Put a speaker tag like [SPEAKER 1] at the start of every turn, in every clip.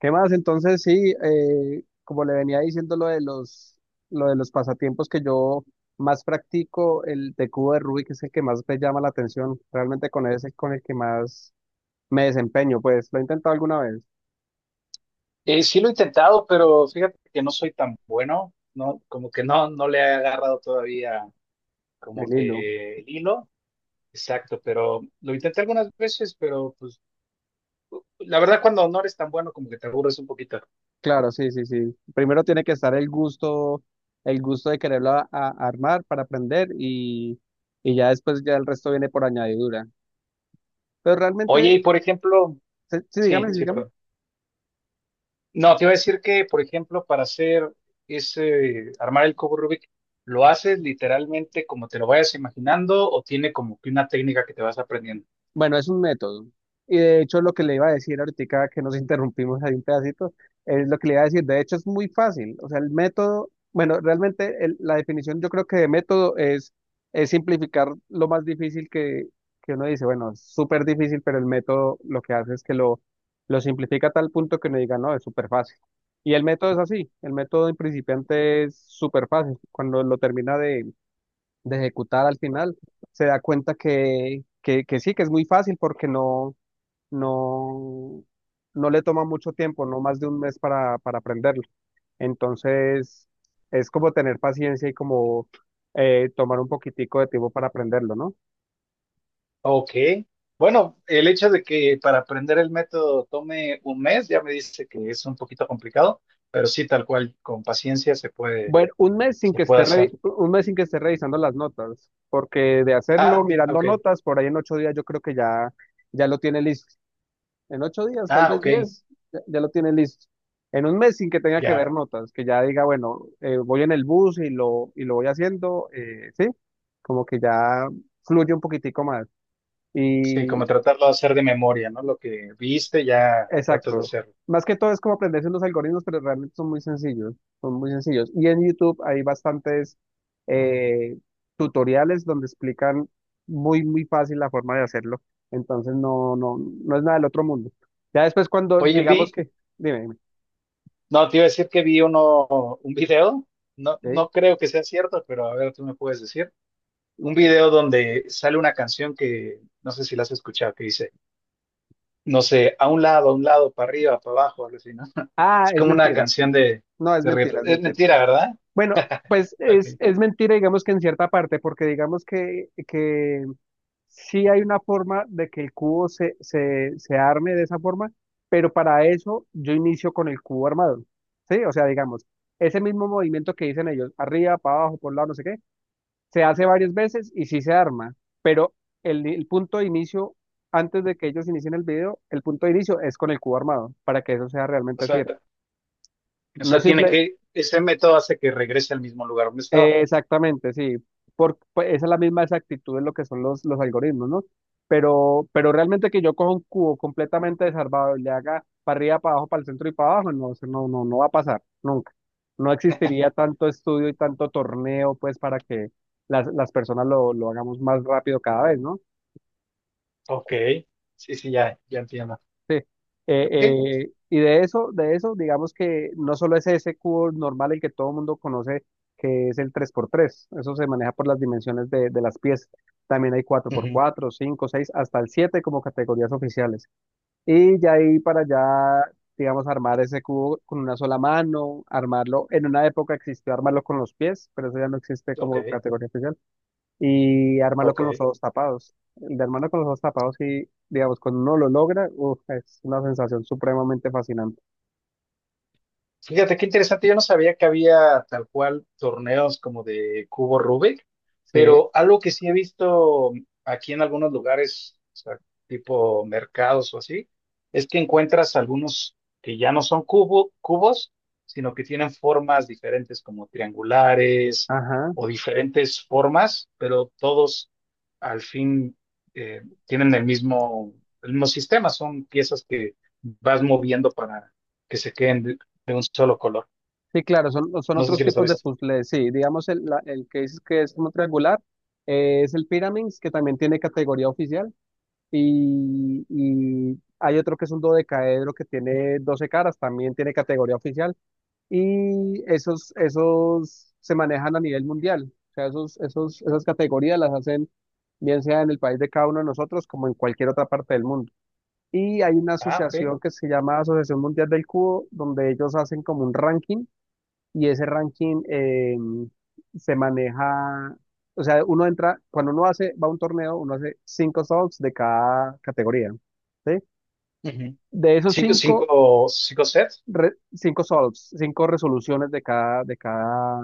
[SPEAKER 1] ¿Qué más? Entonces, sí, como le venía diciendo lo de los pasatiempos que yo más practico, el de cubo de Rubik es el que más me llama la atención. Realmente con ese es con el que más me desempeño, pues lo he intentado alguna vez,
[SPEAKER 2] Sí lo he intentado, pero fíjate que no soy tan bueno, no, como que no, le he agarrado todavía como
[SPEAKER 1] el hilo.
[SPEAKER 2] que el hilo, exacto, pero lo intenté algunas veces, pero pues la verdad cuando no eres tan bueno como que te aburres un poquito.
[SPEAKER 1] Claro, sí, sí, sí. Primero tiene que estar el gusto de quererlo armar para aprender y ya después ya el resto viene por añadidura. Pero
[SPEAKER 2] Oye, y
[SPEAKER 1] realmente,
[SPEAKER 2] por ejemplo,
[SPEAKER 1] sí, sí,
[SPEAKER 2] sí,
[SPEAKER 1] dígame, sí,
[SPEAKER 2] sí,
[SPEAKER 1] dígame.
[SPEAKER 2] perdón. No, te iba a decir que, por ejemplo, para hacer ese, armar el cubo Rubik, ¿lo haces literalmente como te lo vayas imaginando o tiene como que una técnica que te vas aprendiendo?
[SPEAKER 1] Bueno, es un método. Y de hecho lo que le iba a decir ahorita que nos interrumpimos ahí un pedacito, es lo que le iba a decir. De hecho es muy fácil. O sea, el método, bueno, realmente la definición yo creo que de método es simplificar lo más difícil que uno dice, bueno, es súper difícil, pero el método lo que hace es que lo simplifica a tal punto que uno diga, no, es súper fácil. Y el método es así. El método en principiante es súper fácil. Cuando lo termina de ejecutar al final, se da cuenta que, que sí, que es muy fácil porque no, no, no le toma mucho tiempo, no más de un mes para aprenderlo. Entonces, es como tener paciencia y como tomar un poquitico de tiempo para aprenderlo, ¿no?
[SPEAKER 2] Ok. Bueno, el hecho de que para aprender el método tome un mes ya me dice que es un poquito complicado, pero sí, tal cual, con paciencia
[SPEAKER 1] Bueno,
[SPEAKER 2] se puede hacer.
[SPEAKER 1] un mes sin que esté revisando las notas, porque de hacerlo mirando
[SPEAKER 2] Ok.
[SPEAKER 1] notas, por ahí en 8 días yo creo que ya lo tiene listo. En 8 días, tal
[SPEAKER 2] Ah,
[SPEAKER 1] vez
[SPEAKER 2] ok.
[SPEAKER 1] 10, ya lo tiene listo. En un mes sin que tenga que
[SPEAKER 2] Ya.
[SPEAKER 1] ver notas, que ya diga, bueno, voy en el bus y lo voy haciendo, sí, como que ya fluye un poquitico más.
[SPEAKER 2] Sí, como
[SPEAKER 1] Y
[SPEAKER 2] tratarlo de hacer de memoria, ¿no? Lo que viste, ya tratas de
[SPEAKER 1] exacto.
[SPEAKER 2] hacerlo.
[SPEAKER 1] Más que todo es como aprenderse unos algoritmos, pero realmente son muy sencillos, son muy sencillos. Y en YouTube hay bastantes eh, tutoriales donde explican muy, muy fácil la forma de hacerlo. Entonces no, no, no es nada del otro mundo. Ya después cuando
[SPEAKER 2] Oye,
[SPEAKER 1] digamos que, dime, dime,
[SPEAKER 2] no, te iba a decir que vi un video, no,
[SPEAKER 1] ¿sí?
[SPEAKER 2] no creo que sea cierto, pero a ver, tú me puedes decir. Un video donde sale una canción que no sé si la has escuchado, que dice. No sé, a un lado, para arriba, para abajo, algo así, ¿no?
[SPEAKER 1] Ah,
[SPEAKER 2] Es
[SPEAKER 1] es
[SPEAKER 2] como una
[SPEAKER 1] mentira.
[SPEAKER 2] canción
[SPEAKER 1] No, es
[SPEAKER 2] de reggaetón.
[SPEAKER 1] mentira, es
[SPEAKER 2] Es
[SPEAKER 1] mentira.
[SPEAKER 2] mentira, ¿verdad?
[SPEAKER 1] Bueno, pues es,
[SPEAKER 2] Ok.
[SPEAKER 1] es mentira, digamos que en cierta parte, porque digamos que sí hay una forma de que el cubo se arme de esa forma, pero para eso yo inicio con el cubo armado. ¿Sí? O sea, digamos, ese mismo movimiento que dicen ellos, arriba, para abajo, por un lado, no sé qué, se hace varias veces y sí se arma, pero el punto de inicio, antes de que ellos inicien el video, el punto de inicio es con el cubo armado, para que eso sea
[SPEAKER 2] O
[SPEAKER 1] realmente así.
[SPEAKER 2] sea, o
[SPEAKER 1] No
[SPEAKER 2] sea,
[SPEAKER 1] es
[SPEAKER 2] tiene
[SPEAKER 1] simple.
[SPEAKER 2] que, ese método hace que regrese al mismo lugar donde estaba.
[SPEAKER 1] Exactamente, sí. Pues, esa es la misma exactitud de lo que son los algoritmos, ¿no? Pero realmente que yo coja un cubo completamente desarmado y le haga para arriba, para abajo, para el centro y para abajo, no, eso no, no, no va a pasar, nunca. No existiría tanto estudio y tanto torneo, pues, para que las personas lo hagamos más rápido cada vez, ¿no?
[SPEAKER 2] Ok, sí, sí, ya, ya entiendo.
[SPEAKER 1] Sí.
[SPEAKER 2] Ok,
[SPEAKER 1] Y de eso, digamos que no solo es ese cubo normal el que todo el mundo conoce, que es el tres por tres. Eso se maneja por las dimensiones de las piezas. También hay cuatro por
[SPEAKER 2] ujú.
[SPEAKER 1] cuatro, cinco, seis, hasta el 7 como categorías oficiales. Y ya ahí para allá, digamos, armar ese cubo con una sola mano, armarlo. En una época existió armarlo con los pies, pero eso ya no existe
[SPEAKER 2] Ok,
[SPEAKER 1] como categoría oficial y armarlo
[SPEAKER 2] ok.
[SPEAKER 1] con los ojos tapados. El de armarlo con los ojos tapados y, digamos, cuando uno lo logra, uf, es una sensación supremamente fascinante.
[SPEAKER 2] Fíjate qué interesante, yo no sabía que había tal cual torneos como de cubo Rubik,
[SPEAKER 1] Sí,
[SPEAKER 2] pero algo que sí he visto aquí en algunos lugares, o sea, tipo mercados o así, es que encuentras algunos que ya no son cubos, sino que tienen formas diferentes como triangulares
[SPEAKER 1] ajá.
[SPEAKER 2] o diferentes formas, pero todos al fin eh, tienen el mismo sistema, son piezas que vas moviendo para que se queden de un solo color.
[SPEAKER 1] Sí, claro, son
[SPEAKER 2] No sé
[SPEAKER 1] otros
[SPEAKER 2] si los has
[SPEAKER 1] tipos de
[SPEAKER 2] visto.
[SPEAKER 1] puzzles. Sí, digamos, el que dices que es como triangular, es el Pyramids, que también tiene categoría oficial, y hay otro que es un dodecaedro que tiene 12 caras, también tiene categoría oficial. Y esos se manejan a nivel mundial. O sea, esas categorías las hacen bien sea en el país de cada uno de nosotros como en cualquier otra parte del mundo. Y hay una
[SPEAKER 2] Ah, ok.
[SPEAKER 1] asociación que se llama Asociación Mundial del Cubo, donde ellos hacen como un ranking y ese ranking se maneja. O sea, uno entra, cuando uno hace, va a un torneo, uno hace cinco solves de cada categoría, ¿sí?
[SPEAKER 2] Ujú.
[SPEAKER 1] De esos
[SPEAKER 2] Cinco,
[SPEAKER 1] cinco,
[SPEAKER 2] cinco, cinco sets.
[SPEAKER 1] cinco solves, cinco resoluciones de cada, de cada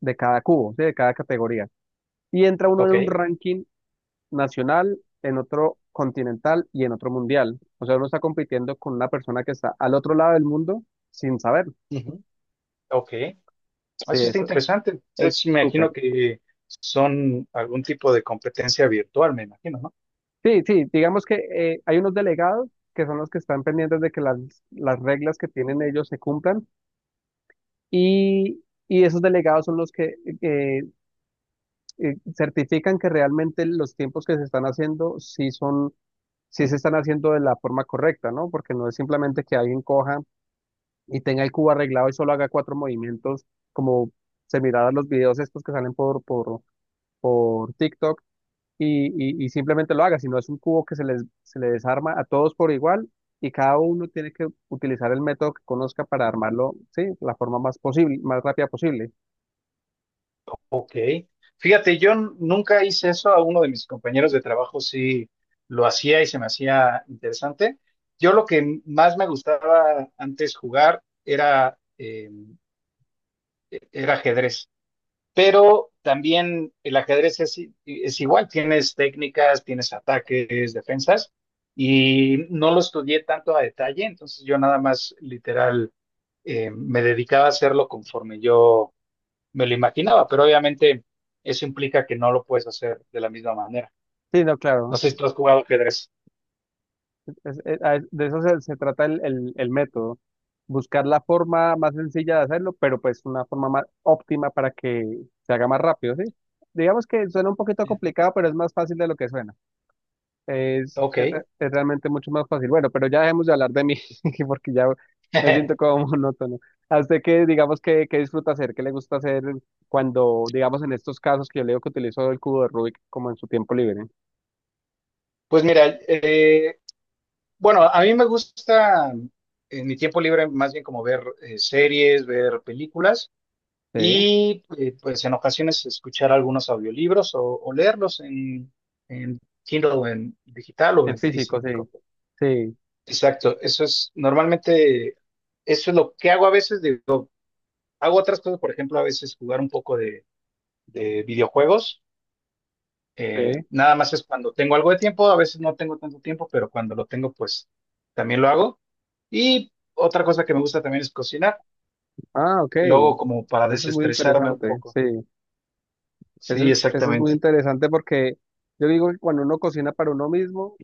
[SPEAKER 1] de cada cubo, ¿sí? De cada categoría. Y entra uno en
[SPEAKER 2] Ok,
[SPEAKER 1] un ranking nacional, en otro continental y en otro mundial. O sea, uno está compitiendo con una persona que está al otro lado del mundo sin saber.
[SPEAKER 2] ujú. Ok. Eso
[SPEAKER 1] Sí,
[SPEAKER 2] está
[SPEAKER 1] eso
[SPEAKER 2] interesante.
[SPEAKER 1] es
[SPEAKER 2] Entonces, me
[SPEAKER 1] súper.
[SPEAKER 2] imagino que son algún tipo de competencia virtual, me imagino, ¿no?
[SPEAKER 1] Sí, sí, digamos que hay unos delegados que son los que están pendientes de que las reglas que tienen ellos se cumplan, y esos delegados son los que eh, certifican que realmente los tiempos que se están haciendo sí se están haciendo de la forma correcta, ¿no? Porque no es simplemente que alguien coja y tenga el cubo arreglado y solo haga cuatro movimientos, como se miraba los videos estos que salen por TikTok y, y simplemente lo haga, sino es un cubo que se le desarma a todos por igual y cada uno tiene que utilizar el método que conozca para armarlo, sí, la forma más posible, más rápida posible.
[SPEAKER 2] Ok. Fíjate, yo nunca hice eso, a uno de mis compañeros de trabajo sí lo hacía y se me hacía interesante. Yo lo que más me gustaba antes jugar era era ajedrez. Pero también el ajedrez es igual, tienes técnicas, tienes ataques, defensas, y no lo estudié tanto a detalle, entonces yo nada más literal me dedicaba a hacerlo conforme yo me lo imaginaba, pero obviamente eso implica que no lo puedes hacer de la misma manera.
[SPEAKER 1] Sí, no,
[SPEAKER 2] No
[SPEAKER 1] claro.
[SPEAKER 2] sé si tú has jugado ajedrez.
[SPEAKER 1] De eso se trata el método, buscar la forma más sencilla de hacerlo, pero pues una forma más óptima para que se haga más rápido, ¿sí? Digamos que suena un poquito complicado, pero es más fácil de lo que suena. Es, es
[SPEAKER 2] Ok.
[SPEAKER 1] re- es realmente mucho más fácil. Bueno, pero ya dejemos de hablar de mí, porque ya me siento como monótono. ¿A usted qué, digamos, que disfruta hacer? ¿Qué le gusta hacer cuando, digamos, en estos casos que yo le digo que utilizo el cubo de Rubik como en su tiempo libre?
[SPEAKER 2] Pues mira, bueno, a mí me gusta en mi tiempo libre más bien como ver series, ver películas.
[SPEAKER 1] Sí,
[SPEAKER 2] Y pues en ocasiones escuchar algunos audiolibros o leerlos en Kindle, en digital o en
[SPEAKER 1] en físico, sí,
[SPEAKER 2] físico.
[SPEAKER 1] sí,
[SPEAKER 2] Exacto, eso es lo que hago a veces, digo, hago otras cosas, por ejemplo, a veces jugar un poco de videojuegos,
[SPEAKER 1] sí.
[SPEAKER 2] nada más es cuando tengo algo de tiempo, a veces no tengo tanto tiempo, pero cuando lo tengo, pues también lo hago. Y otra cosa que me gusta también es cocinar,
[SPEAKER 1] Ah, ok.
[SPEAKER 2] y lo hago
[SPEAKER 1] Eso
[SPEAKER 2] como para
[SPEAKER 1] es muy
[SPEAKER 2] desestresarme un
[SPEAKER 1] interesante,
[SPEAKER 2] poco.
[SPEAKER 1] sí. Eso
[SPEAKER 2] Sí,
[SPEAKER 1] es, eso es muy
[SPEAKER 2] exactamente,
[SPEAKER 1] interesante porque yo digo que cuando uno cocina para uno mismo,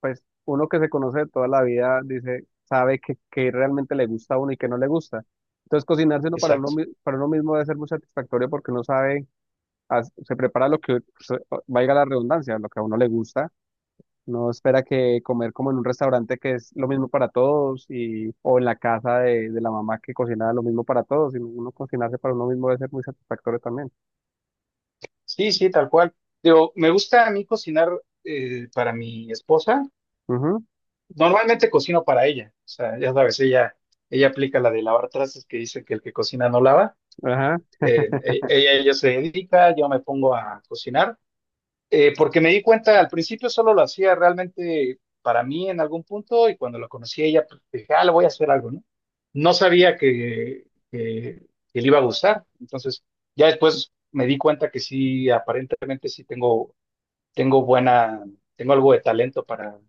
[SPEAKER 1] pues uno que se conoce de toda la vida dice, sabe que realmente le gusta a uno y que no le gusta. Entonces cocinarse uno para uno,
[SPEAKER 2] exacto.
[SPEAKER 1] mi- para uno mismo debe ser muy satisfactorio porque uno sabe, se prepara lo que, pues, valga la redundancia, lo que a uno le gusta. No espera que comer como en un restaurante que es lo mismo para todos o en la casa de la mamá que cocina lo mismo para todos, sino uno cocinarse para uno mismo debe ser muy satisfactorio también.
[SPEAKER 2] Sí, sí, tal cual. Digo, me gusta a mí cocinar para mi esposa.
[SPEAKER 1] Ujú.
[SPEAKER 2] Normalmente cocino para ella. O sea, ya sabes, ella aplica la de lavar trastes que dice que el que cocina no lava.
[SPEAKER 1] Ajá.
[SPEAKER 2] Ella se dedica, yo me pongo a cocinar. Porque me di cuenta, al principio solo lo hacía realmente para mí en algún punto y cuando la conocí a ella, pues, dije, ah, le voy a hacer algo, ¿no? No sabía que, que le iba a gustar. Entonces, ya después me di cuenta que sí, aparentemente sí tengo tengo algo de talento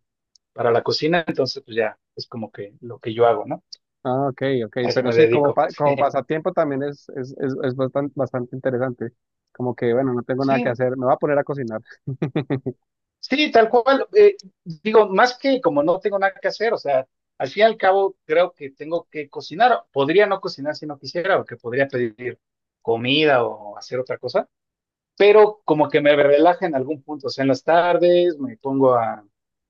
[SPEAKER 2] para la cocina, entonces pues ya es como que lo que yo hago, ¿no?
[SPEAKER 1] Ah, ok, ok.
[SPEAKER 2] A eso
[SPEAKER 1] Pero
[SPEAKER 2] me
[SPEAKER 1] sí, como,
[SPEAKER 2] dedico.
[SPEAKER 1] como pasatiempo también es bastante interesante. Como que, bueno, no tengo nada que
[SPEAKER 2] Sí,
[SPEAKER 1] hacer, me voy a poner a cocinar.
[SPEAKER 2] sí, tal cual. Eh, digo, más que como no tengo nada que hacer, o sea, al fin y al cabo creo que tengo que cocinar. Podría no cocinar si no quisiera, o que podría pedir comida o hacer otra cosa, pero como que me relaja en algún punto, o sea, en las tardes me pongo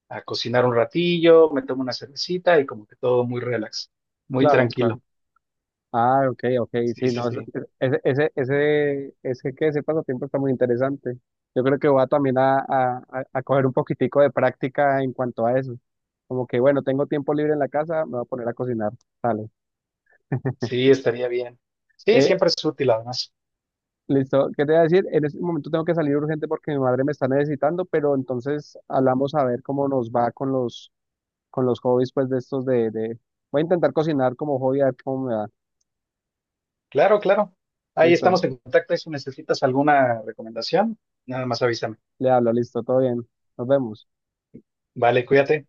[SPEAKER 2] a cocinar un ratillo, me tomo una cervecita y como que todo muy relax, muy
[SPEAKER 1] Claro, claro.
[SPEAKER 2] tranquilo.
[SPEAKER 1] Ah, ok, ok,
[SPEAKER 2] Sí,
[SPEAKER 1] sí,
[SPEAKER 2] sí,
[SPEAKER 1] no,
[SPEAKER 2] sí.
[SPEAKER 1] que ese pasatiempo está muy interesante. Yo creo que voy a también a coger un poquitico de práctica en cuanto a eso. Como que, bueno, tengo tiempo libre en la casa, me voy a poner a cocinar. Dale.
[SPEAKER 2] Sí, estaría bien. Sí, siempre es útil además.
[SPEAKER 1] Listo, ¿qué te voy a decir? En este momento tengo que salir urgente porque mi madre me está necesitando, pero entonces hablamos a ver cómo nos va con los hobbies, pues de estos de... Voy a intentar cocinar como hobby, a ver cómo me va.
[SPEAKER 2] Claro, claro. Ahí
[SPEAKER 1] Listo,
[SPEAKER 2] estamos en contacto y si necesitas alguna recomendación, nada más avísame.
[SPEAKER 1] le hablo, listo, todo bien. Nos vemos.
[SPEAKER 2] Vale, cuídate.